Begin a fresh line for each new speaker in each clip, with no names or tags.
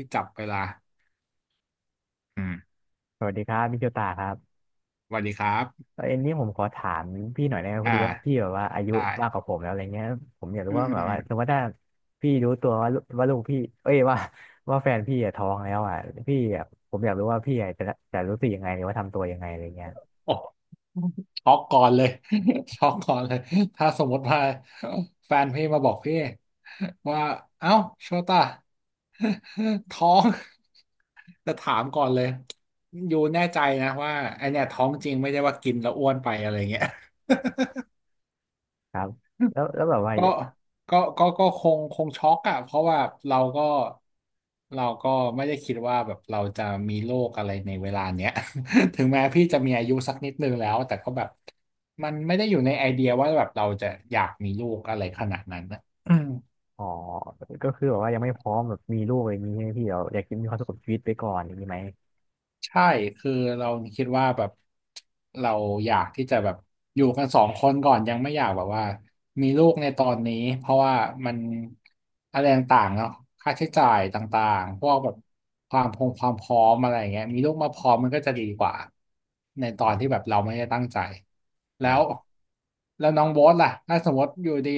ที่จับเวลาอืม
สวัสดีครับพี่โจตาครับ
สวัสดีครับ
เอ็นนี้ผมขอถามพี่หน่อยได้ไหมพอ
อ่า
ดีว่าพี่แบบว่าอายุ
ได้
มากกว่าผมแล้วอะไรเงี้ยผมอยากรู้
อืม
ว่า
อื
แบ
ม
บ
อื
ว่า
ม
สมมติว่าถ้าพี่รู้ตัวว่าลูกพี่เอ้ยว่า ว่าแฟนพี่อะท้องแล้วอ่ะพี่อะผมอยากรู้ว่าพี่อะจะจะรู้สึกยังไงหรือว่าทำตัวยังไงอะไรเงี้ย
โอ้ช็อกก่อนเลย ช็อกก่อนเลย ถ้าสมมติว่าแฟนพี่มาบอกพี่ว่า เอ้าโชต้า ท้อง จะถามก่อนเลยอยู่แน่ใจนะว่าไอเนี่ยท้องจริงไม่ใช่ว่ากินแล้วอ้วนไปอะไรเงี้ย
ครับแล้วแบบว่า
ก็ก็คงช็อกอะเพราะว่าเราก็เราก็ไม่ได้คิดว่าแบบเราจะมีโรคอะไรในเวลาเนี้ย ถึงแม้พี่จะมีอายุสักนิดนึงแล้ว แต่ก็แบบมันไม่ได้อยู่ในไอเดียว่าแบบเราจะอยากมีลูกอะไรขนาดนั้นนะ
อ๋อก็คือแบบว่ายังไม่พร้อมแบบมีลูกอะไรอย่างงี้ใช่ไหมพี่เราอยากมีความสุขกับชีวิตไปก่อนอย่างนี้ไหม
ใช่คือเราคิดว่าแบบเราอยากที่จะแบบอยู่กันสองคนก่อนยังไม่อยากแบบว่ามีลูกในตอนนี้เพราะว่ามันอะไรต่างๆเนาะค่าใช้จ่ายต่างๆพวกแบบความพร้อมอะไรอย่างเงี้ยมีลูกมาพร้อมมันก็จะดีกว่าในตอ
ค
น
รั
ที่
บ
แบบเราไม่ได้ตั้งใจ
ค
แล้
รั
ว
บ
แล้วน้องโบ๊ทล่ะถ้าสมมติอยู่ดี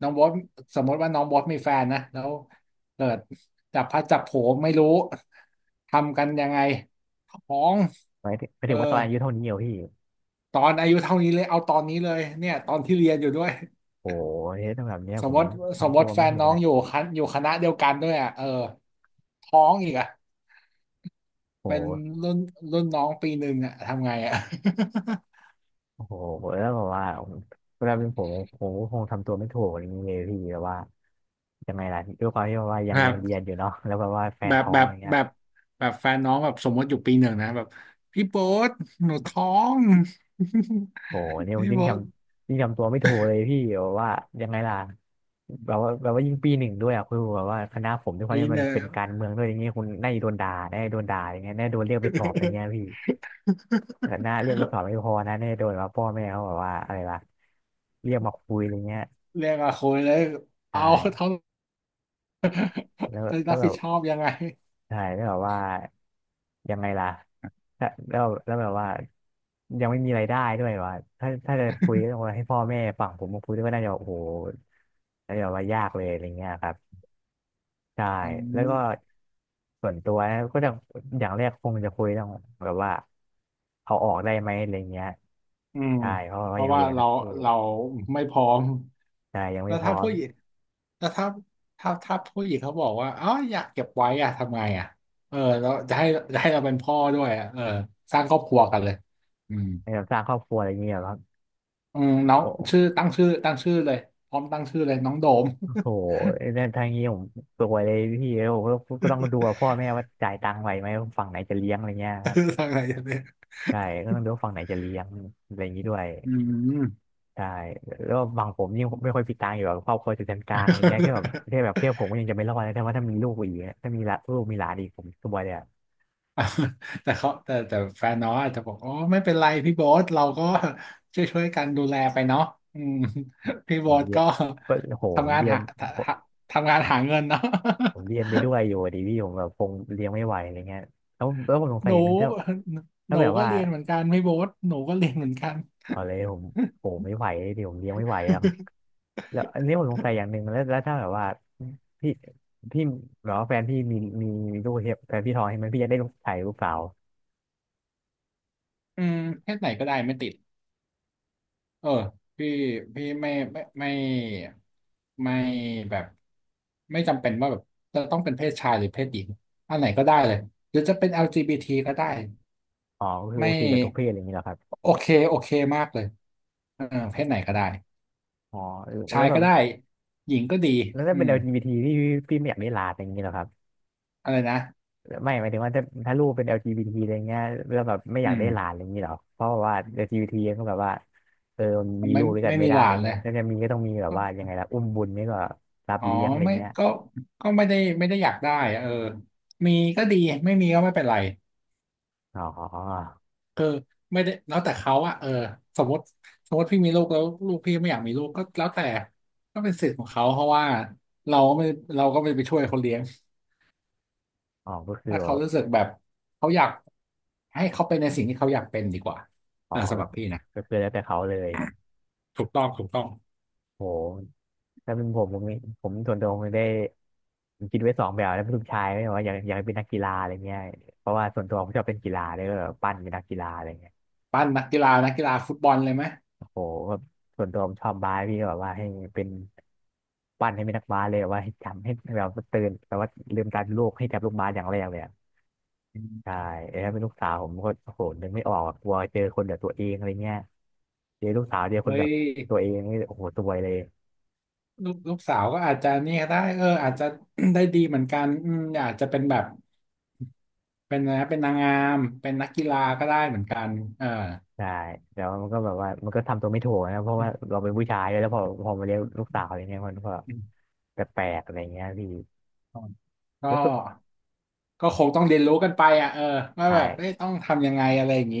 น้องโบ๊ทสมมติว่าน้องโบ๊ทมีแฟนนะแล้วเกิดจับพลัดจับผลูไม่รู้ทำกันยังไง ของ
หมายถึงหมาย
เอ
ถึ
อ
งว่าตอนอายุเท่านี้เหรอพี่
ตอนอายุเท่านี้เลยเอาตอนนี้เลยเนี่ยตอนที่เรียนอยู่ด้วย
โอ้โหเฮ้ยถ้าแบบเนี้ย
ส
ผ
มม
ม
ติสม
ทำ
ม
ตัว
ติแฟ
ไม่
น
ถูก
น้อ
เล
ง
ย
อยู่คณะอยู่คณะเดียวกันด้วยอ่ะเออท้องอีกอ่ะเป็น
โห
รุ่นรุ่นน้องปีหนึ่งอ่ะทำไงอ่ะ
โอ้โหแล้วแบบว่าผมเวลาเป็นผมผมก็คงทำตัวไม่ถูกอย่างนี้เลยพี่แบบว่ายังไงล่ะด้วยความที่แบบว่า ยั
แบ
งยั
บ
งเรียนอยู่เนาะ แล้วแบบว่าแฟ
แบ
น
บ
ท้อ
แบ
ง
บ
อย่างเงี้ย
แบบแบบแฟนน้องแบบสมมติอยู่ปีหนึ่งนะแบบพี่โบ๊ทหนูท้อง
โอ้โหเนี่ ยผม
พี่
ยิ่ง
โบ๊
จ
ท
ำยิ่งจำตัวไม่ถูกเลยพี่แบบว่ายังไงล่ะแบบว่ายิ่งปีหนึ่งด้วยอ่ะคือแบบว่าคณะผมด้วยความ
ปี
ที่
ห
มัน
นึ่
เป็น
ง
การเมืองด้วยอย่างเงี้ยคุณน่าจะโดนด่าแน่าจะโดนด่าอย่างเงี้ยน่าจะโดนเรียกไปสอบอย่างเงี้ยพี่ แต่น่าเรียกไปสอบไม่พอนะน่าจะโดนว่าพ่อแม่เขาแบบว่าอะไรล่ะเรียกมาคุยอย่างเงี้ย
เรียกมาคุยเลย
ใช่
เอา เท่า
แล้ว
จะ
แล้
รั
ว
บ
แบ
ผิ
บ
ดชอบยังไง
ใช่แล้วแบบว่ายังไงล่ะแล้วแบบว่ายังไม่มีรายได้ด้วยว่าถ้าจะคุยต้องให้พ่อแม่ฝั่งผมมาคุยด้วยก็น่าจะโอ้โหน่าจะว่ายากเลยอะไรเงี้ยครับใช่
อื
แล้วก็
ม
ส่วนตัวนะก็จะอย่างแรกคงจะคุยต้องแบบว่าเอาออกได้ไหมอะไรเงี้ย
อืม
ใช่เพราะ
เพ
ว่ายั
ราะ
ง
ว่า
เรียน
เรา
นะโอ้
เราไม่พร้อม
ใช่ยัง
แล้
ไม่
ว
พร้
ถ้า
อม
ผู้หญิงแล้วถ้าถ้าผู้หญิงเขาบอกว่าอ๋ออยากเก็บไว้อะทำไงอะเออแล้วจะให้จะให้เราเป็นพ่อด้วยอะเออสร้างครอบครัวกันเลยอืม
ในการสร้างครอบครัวอะไรเงี้ยหรอครับ
น้อง
โอ้
ชื่อตั้งชื่อตั้งชื่อเลยพร้อมตั้งชื่อเลยน้องโดม
โหนั่นทางนี้ผมสวยเลยพี่เล้ยผมก็ก็ต้องดูว่าพ่อแม่ว่าจ่ายตังค์ไหวไหมว่าฝั่งไหนจะเลี้ยงอะไรเงี้ยครับ
ทางไหนกันเนี่ย
ใช่ก็ต้องดูว่าฝั่งไหนจะเลี้ยงอะไรอย่างนี้ด้วย
อืม
ใช่แล้วฝั่งผมยิ่งไม่ค่อยมีตังค์อยู่แบบครอบครัวจะเป็นกลางอะไรเงี้ยแค่แบบ แค่แบบแค่ผมก็ยังจะไม่รอดเลยแต่ว่าถ้ามีลูกอีกอะถ้ามีละลูกมีหลานอีกผมสบายเลยอะ
แต่เขาแต่แต่แฟนน้องอาจจะบอกอ๋อไม่เป็นไรพี่โบ๊ทเราก็ช่วยกันดูแลไปเนาะอืม พี่
ผ
โบ๊
ม
ท
เรีย
ก็
นก็โหผ
ทำ
ม
งาน
เรียน
หา
ผ
ท
ม
ำทำงานหาเงินเนาะ
ผมเรี ยนไปด้วยอยู่อะดิพี่ผมแบบคงเลี้ยงไม่ไหวอะไรเงี้ยแล้วผมสง
ห
สัยอย่า
นู
งหนึงถ้า
ห
ถ้า
นู
แบบ
ก็
ว่า
เรียนเหมือนกันพี่โบ๊ทหนูก็เรียนเหมือนกัน
เอาเลยผมโอ้ไม่ไหวดิผมเลี้ยงไม่ไหวอะ แล้วอันนี้ผมสงสัยอย่างหนึ่งแล้วถ้าแบบว่าพี่พี่แบบว่าแฟนพี่มีมีลูกเนี่ยแฟนพี่ท้องใช่ไหมพี่จะได้ลูกชายลูกสาว
อืมเพศไหนก็ได้ไม่ติด เออพี่พี่ไม่แบบไม่จำเป็นว่าแบบจะต้องเป็นเพศชายหรือเพศหญิงอันไหนก็ได้เลยหรือจะเป็น LGBT ก็ได้
อ๋อก็คือโอ
ไม่
เคกับทุกเพศอะไรอย่างนี้เหรอครับ
โอเคมากเลยเออเพศไหนก็ได้
อ๋อแล้
ชา
ว
ย
แบ
ก็
บ
ได้หญิงก็ดี
แล้วถ้า
อื
เป็น
ม
LGBT พี่ไม่อยากได้หลานอะไรอย่างนี้เหรอครับ
อะไรนะ
ไม่หมายถึงว่าถ้าลูกเป็นแอลจีบีท t อะไรเงี้ยแล้วแบบไม่อ
อื
ยากได้หลาน
ม
อะไรอย่างนี้เหรอเพราะว่า LGBT ก็แบบว่าเออมมี
ไม่
ลูกด้วยกั
ไม่
นไม่
มี
ได้
หลา
อะไร
นเล
เงี้
ย
ยถ้าจะมีก็ต้องมีแบบว่ายั
ก็
งไงล่ะอุ้มบุญไม่ก็รับ
อ๋อ
เลี้ยงอะไร
ไม่
เงี้ย
ก็ก็ไม่ได้อยากได้เออมีก็ดีไม่มีก็ไม่เป็นไร
อ๋อ
เออไม่ได้แล้วแต่เขาอะเออสมมติสมมติพี่มีลูกแล้วลูกพี่ไม่อยากมีลูกก็แล้วแต่ก็เป็นสิทธิ์ของเขาเพราะว่าเราก็ไม่เราก็ไม่ไปช่วยเขาเลี้ยง
อ๋อก็คือ
ถ้า
แบ
เขา
บ
รู้สึกแบบเขาอยากให้เขาเป็นในสิ่งที่เขาอยากเป็นดีกว่า
อ๋
เอ
อ
อ
ก
สำหรับพี่นะ
็คือแล้วแต่เขาเลย
ถูกต้อง
โหถ้าเป็นผมผมส่วนตัวผมได้ผมคิดไว้สองแบบแล้วเป็นลูกชายไม่ว่าอยากเป็นนักกีฬาอะไรเงี้ยเพราะว่าส่วนตัวผมชอบเป็นกีฬาเลยก็แบบปั้นเป็นนักกีฬาอะไรเงี้ย
ปั้นนักกีฬานักกีฬาฟุตบอลเลยไหม
โอ้โหแบบส่วนตัวผมชอบบาสพี่ก็แบบว่าให้เป็นปั้นให้เป็นนักบาสเลยแบบว่าให้จำให้แบบว่าตื่นแบบว่าลืมตาดูโลกให้จับลูกบาสอย่างแรกเลยอะ
อื
ใช่
ม
แล้วถ้าเป็นลูกสาวผมก็โอ้โหนึกไม่ออกอะกลัวเจอคนแบบตัวเองอะไรเงี้ยเจอลูกสาวเจอคน
เฮ้
แบ
ย
บตัวเองนี่โอ้โหตัวยเลย
ลูกสาวก็อาจจะเนี่ยได้เอออาจจะ ได้ดีเหมือนกันอืมอาจจะเป็นแบบเป็นนะไรนะเป็นนางงามเป็นนักกีฬาก็ได้เหมือนกันเออ
ใช่แต่ว่ามันก็แบบว่ามันก็ทำตัวไม่ถูกนะเพราะว่าเราเป็นผู้ชายด้วยแล้วพอมาเลี้ยงลูกสาวอะไรเงี้ยมันก็แปลกๆอะไรเงี้ยพี่
ก็
แล้วตัว
ก็คงต้องเรียนรู้กันไปอ่ะเออว่า
ใช่
แบบเอ้ยต้องทำยังไงอะไรอย่างนี้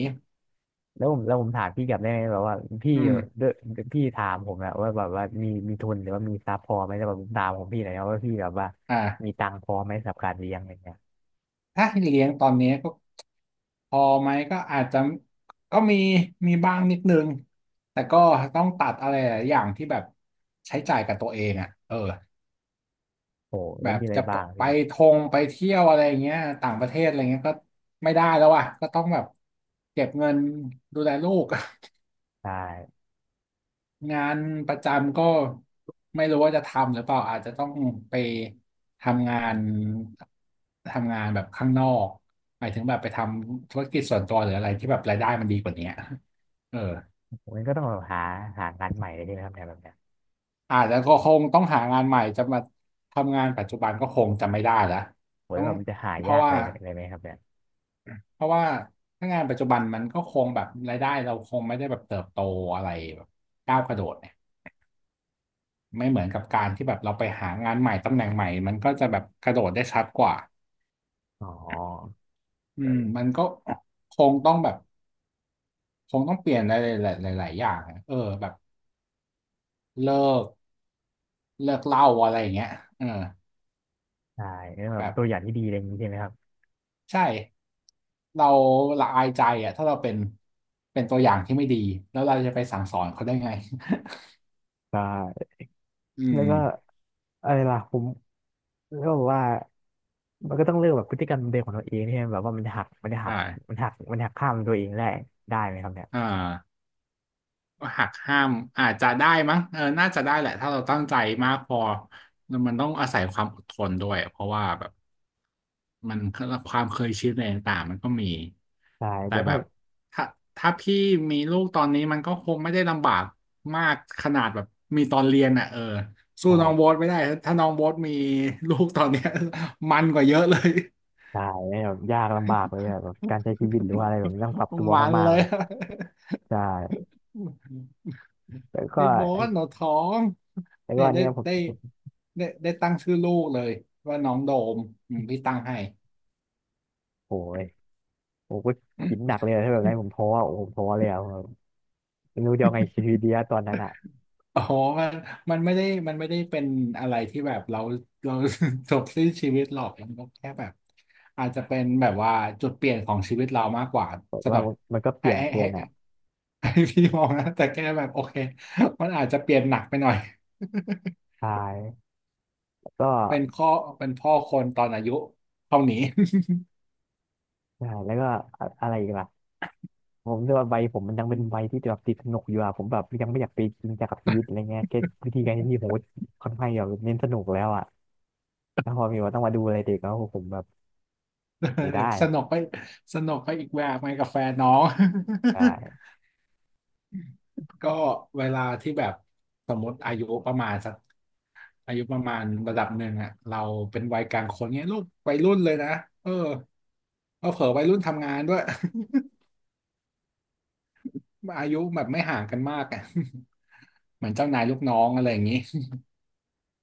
แล้วผมถามพี่กลับได้ไหมแบบว่าพี่
อืม
ด้วยพี่ถามผมอะว่าแบบว่ามีทุนหรือว่ามีทรัพย์พอไหมแล้วแบบผมถามของพี่หน่อยนะว่าพี่แบบว่า
อ่า
มีตังค์พอไหมสำหรับการเลี้ยงอะไรเงี้ย
ถ้าให้เลี้ยงตอนนี้ก็พอไหมก็อาจจะก็มีมีบ้างนิดนึงแต่ก็ต้องตัดอะไรหลายอย่างที่แบบใช้จ่ายกับตัวเองอ่ะเออ
โอ้โหแล้
แบ
ว
บ
มีอะไร
จะ
บ้าง
ไป
พี่
ทงไปเที่ยวอะไรอย่างเงี้ยต่างประเทศอะไรเงี้ยก็ไม่ได้แล้วอ่ะก็ต้องแบบเก็บเงินดูแลลูก
ใช่
งานประจำก็ไม่รู้ว่าจะทำหรือเปล่าอาจจะต้องไปทำงานทำงานแบบข้างนอกหมายถึงแบบไปทำธุรกิจส่วนตัวหรืออะไรที่แบบรายได้มันดีกว่านี้เออ
ผมนก็ต้องแบบหางานใหม่เลยใช่ไหมครับเนี่ยแบบเนี้ย
อาจจะก็คงต้องหางานใหม่จะมาทำงานปัจจุบันก็คงจะไม่ได้ละ
โห
ต้
แล้
อ
ว
ง
แบบมันจะหา
เพ
ยา
ราะ
กอะ
ว่า
ไรอะไรไหมครับเนี่ย
เพราะว่าถ้างานปัจจุบันมันก็คงแบบรายได้เราคงไม่ได้แบบเติบโตอะไรแบบก้าวกระโดดเนี่ย ไม่เหมือนกับการที่แบบเราไปหางานใหม่ตำแหน่งใหม่ มันก็จะแบบกระโดดได้ชัดกว่า
อ๋อ
อืมมันก็คงต้องแบบคงต้องเปลี่ยนอะไรหลายๆหลายๆอย่างอะเออแบบเลิกเลิกเหล้าอะไรอย่างเงี้ยเออ
ใช่แล้วแบบ
แบบ
ตัวอย่างที่ดีอะไรอย่างนี้ใช่ไหมครับ
ใช่เราละอายใจอ่ะถ้าเราเป็นเป็นตัวอย่างที่ไม่ดีแล้วเราจะไปสั่งสอนเขาได้ไง
ใช่
อื
แล้ว
ม
ก็อะไรล่ะผมก็บอกว่ามันก็ต้องเลือกแบบพฤติกรรมเดิมของตัวเองที่แบบว่ามันจะหักมันจะหั
ใช่
กมันหักข้ามตัวเองได้ได้ไหมครับเนี่ย
อ่า หักห้ามอาจจะได้มั้งเออน่าจะได้แหละถ้าเราตั้งใจมากพอมันต้องอาศัยความอดทนด้วยเพราะว่าแบบมันความเคยชินอะไรต่างๆมันก็มี
ใช่
แต่
แต่
แบ
ถ้า
บถ้าถ้าพี่มีลูกตอนนี้มันก็คงไม่ได้ลำบากมากขนาดแบบมีตอนเรียนอ่ะเออสู้
ใช่
น้องโบ๊ทไม่ได้ถ้าน้องโบ๊ทมีลูกตอนเนี้ย มันกว่าเยอะเลย
ใช่่ยแบบยากลำบากเลยอะแบบการใช้ชีวิตหรือว่าอะ ไรแบบนี้ต้องปรับตัว
มัน
มาก
เล
ๆเล
ย
ยใช่แล้วก็
พี่โบ
อัน
นหนูท้อง
แล้วก็
เนี่ย
อัน
ได้
เนี้ยผม
ได้ได้ได้ตั้งชื่อลูกเลยว่าน้องโดมอืมพี่ตั้งให้
โอ้ยผมก็กินหนักเลยอะถ้าแบบนั้นผ มท้ออะโอ้ผมท้อเลยอะผมไม่รู้จะเอาไงชีวิตดีอะตอนนั้นอะ
อ๋อมันมันไม่ได้เป็นอะไรที่แบบเรา เรา จบสิ้นชีวิตหรอกมันก็แค่แบบอาจจะเป็นแบบว่าจุดเปลี่ยนของชีวิตเรามากกว่า
บอก
สำห
ว่า
รับ
มันก็เป
ให้
ลี่ยน
ให้
เกิ
ให้
นอะ
ให้พี่มองนะแต่แค่แบบโอเคมันอาจจะเปลี่ยนหนักไปหน่อย
ใช่แล้วก็
เป็นข้อเป็นพ่อคนตอนอายุเท่านี้
ใช่แล้วก็อะอะไรอีกล่ะผมรู้สึกว่าวัยผมมันยังเป็นวัยที่แบบติดสนุกอยู่อะผมแบบยังไม่อยากไปจริงจังกับชีวิตอะไรเงี้ยแค่วิธีการที่ผมก็ค่อนข้างแบบเน้นสนุกแล้วอะแล้วพอมีว่าต้องมาดูอะไรเด็กแล้วผมแบบไม่ได้
สนุกไปสนุกไปอีกแบบไปกับแฟนน้อง
ใช่
ก็เวลาที่แบบสมมติอายุประมาณสักอายุประมาณระดับหนึ่งอ่ะเราเป็นวัยกลางคนเนี้ยลูกวัยรุ่นเลยนะเออเออเผลอวัยรุ่นทำงานด้วย อายุแบบไม่ห่างกันมากอ่ะ เหมือนเจ้านายลูกน้องอะไรอย่างนี้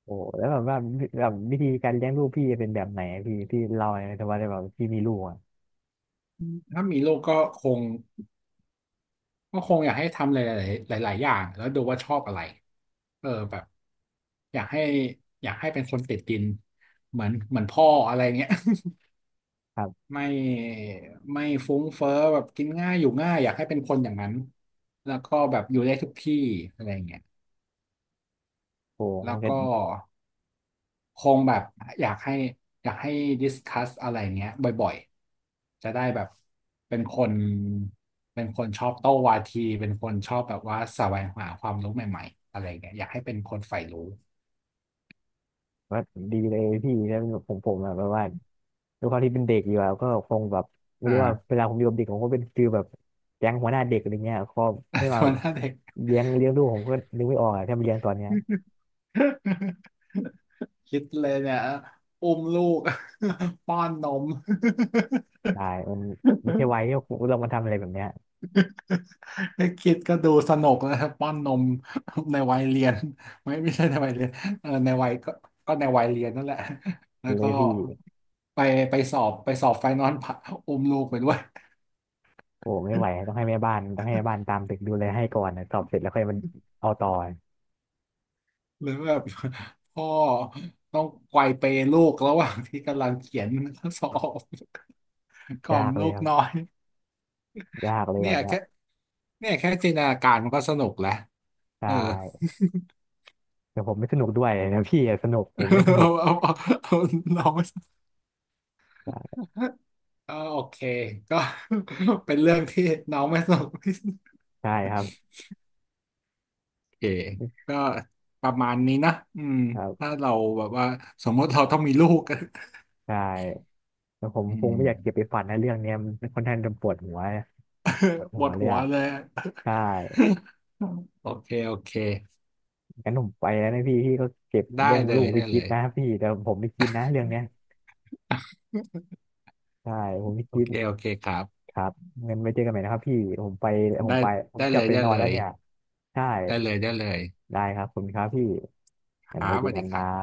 โอ้แล้วแบบว่าแบบวิธีการเลี้ยงลูกพี่เป็นแบบไหนอะพี่เล่าหน่อยแต่ว่าได้แบบพี่มีลูกอะ
ถ้ามีลูกก็คง ก็คงอยากให้ทำหลายๆหลายๆอย่างแล้วดูว่าชอบอะไรเออแบบอยากให้อยากให้เป็นคนติดดินเหมือนพ่ออะไรเงี้ย
ครั บ
ไม่ไม่ฟุ้งเฟ้อแบบกินง่ายอยู่ง่ายอยากให้เป็นคนอย่างนั้นแล้วก็แบบอยู่ได้ทุกที่อะไรเงี้ย
โอ้
แล้
มัน
ว
ก็
ก็ คงแบบอยากให้อยากให้ดิสคัสอะไรเงี้ยบ่อยๆ จะได้แบบเป็นคนเป็นคนชอบโต้วาทีเป็นคนชอบแบบว่าแสวงหาความรู้ใหม่ๆอะไรเงี้ยอยากให้เป็นคนใฝ่รู้
ว่าดีเลยพี่แล้วผมอะแบบว่าด้วยความที่เป็นเด็กอยู่อะก็คงแบบไม่
อ่า
รู้ว่าเวลาผมอยู่กับเด็กผมก็เป็นฟีลแบบแก๊งหัวหน้าเด็กอะไรเงี้ยก็ให้ มา
ตัวหน้าเด็ก
เลี้ยงลูกผมก็นึกไม่ออกอะถ้ามาเลี้ยงตอนเนี้ย
คิดเลยเนี่ยอุ้มลูก ป้อนนม
ได้มันไม่ใช่วัย ที่ผมเรามาทำอะไรแบบเนี้ย
ไอ้คิดก็ดูสนุกนะครับป้อนนมในวัยเรียน ไม่ใช่ในวัยเรียนเออในวัยก็ก็ในวัยเรียนนั่นแหละ แล้ว
เล
ก็
ยพี่
ไปไปสอบไฟนอล ผ่าอุ้มลูกไปด้วย
โอ้ไม่ไหวต้ องให้แม่บ้านต้องให้แม่บ้านตามตึกดูแลให้ก่อนนะสอบเสร็จแล้วค่อยมันเอาต่อ
หรือแบบ พ่อต้องไกวเปลูกระหว่างที่กำลังเขียน ข้อสอบ กล่อ
ยา
ม
กเลย
ลูก
ครั
น้อ
บ
ย
ยากเลยแบ
เนี่ย
บเนี้ย
แค่เนี่ยแค่จินตนาการมันก็สนุกแล้ว
ใช
เออ
่แต่ผมไม่สนุกด้วยนะพี่อะสนุกผมไม่ส นุ
เอา
ก
เอาเอาเอาน้อง
ใช่
ก็โอเคก็ เป็นเรื่องที่น้องไม่สนุกที่สุด
ใช่ครับ
โอเคก็ประมาณนี้นะอืม
ครั
ถ้า
บ
เราแบบว่าสมมติเราต้องมีลูก
ใช่ แต่ผม
อื
คง
ม
ไม่อยากเก็บไปฝันในะเรื่องเนี้ยมันค่อนข้างจะปวดหัวปวด
ป
หั
ว
ว
ด
เลย
หัว
อ่ะ
เลย
ใช่
โอเค
งั้นผมไปแล้วนะพี่พี่ก็เก็บ
ได้
เรื่อง
เล
ลู
ย
กไป
ได้
คิ
เล
ด
ย
นะพี่แต่ผมไม่คิดนะเรื่องเนี้ยใช่ผมไม่
โอ
คิด
เคโอเคครับ
ครับงั้นไว้เจอกันใหม่นะครับพี่ผมไปผม
ได้
ไปผม
ได้
ก
เล
ลับ
ย
ไป
ได้
นอ
เล
นแล้ว
ย
เนี่ยใช่
ได้เลยได้เลย
ได้ครับขอบคุณครับพี่
ค
งั้น
รั
ไว้
บส
เจอ
วัส
กั
ดี
น
ค
นะ
รับ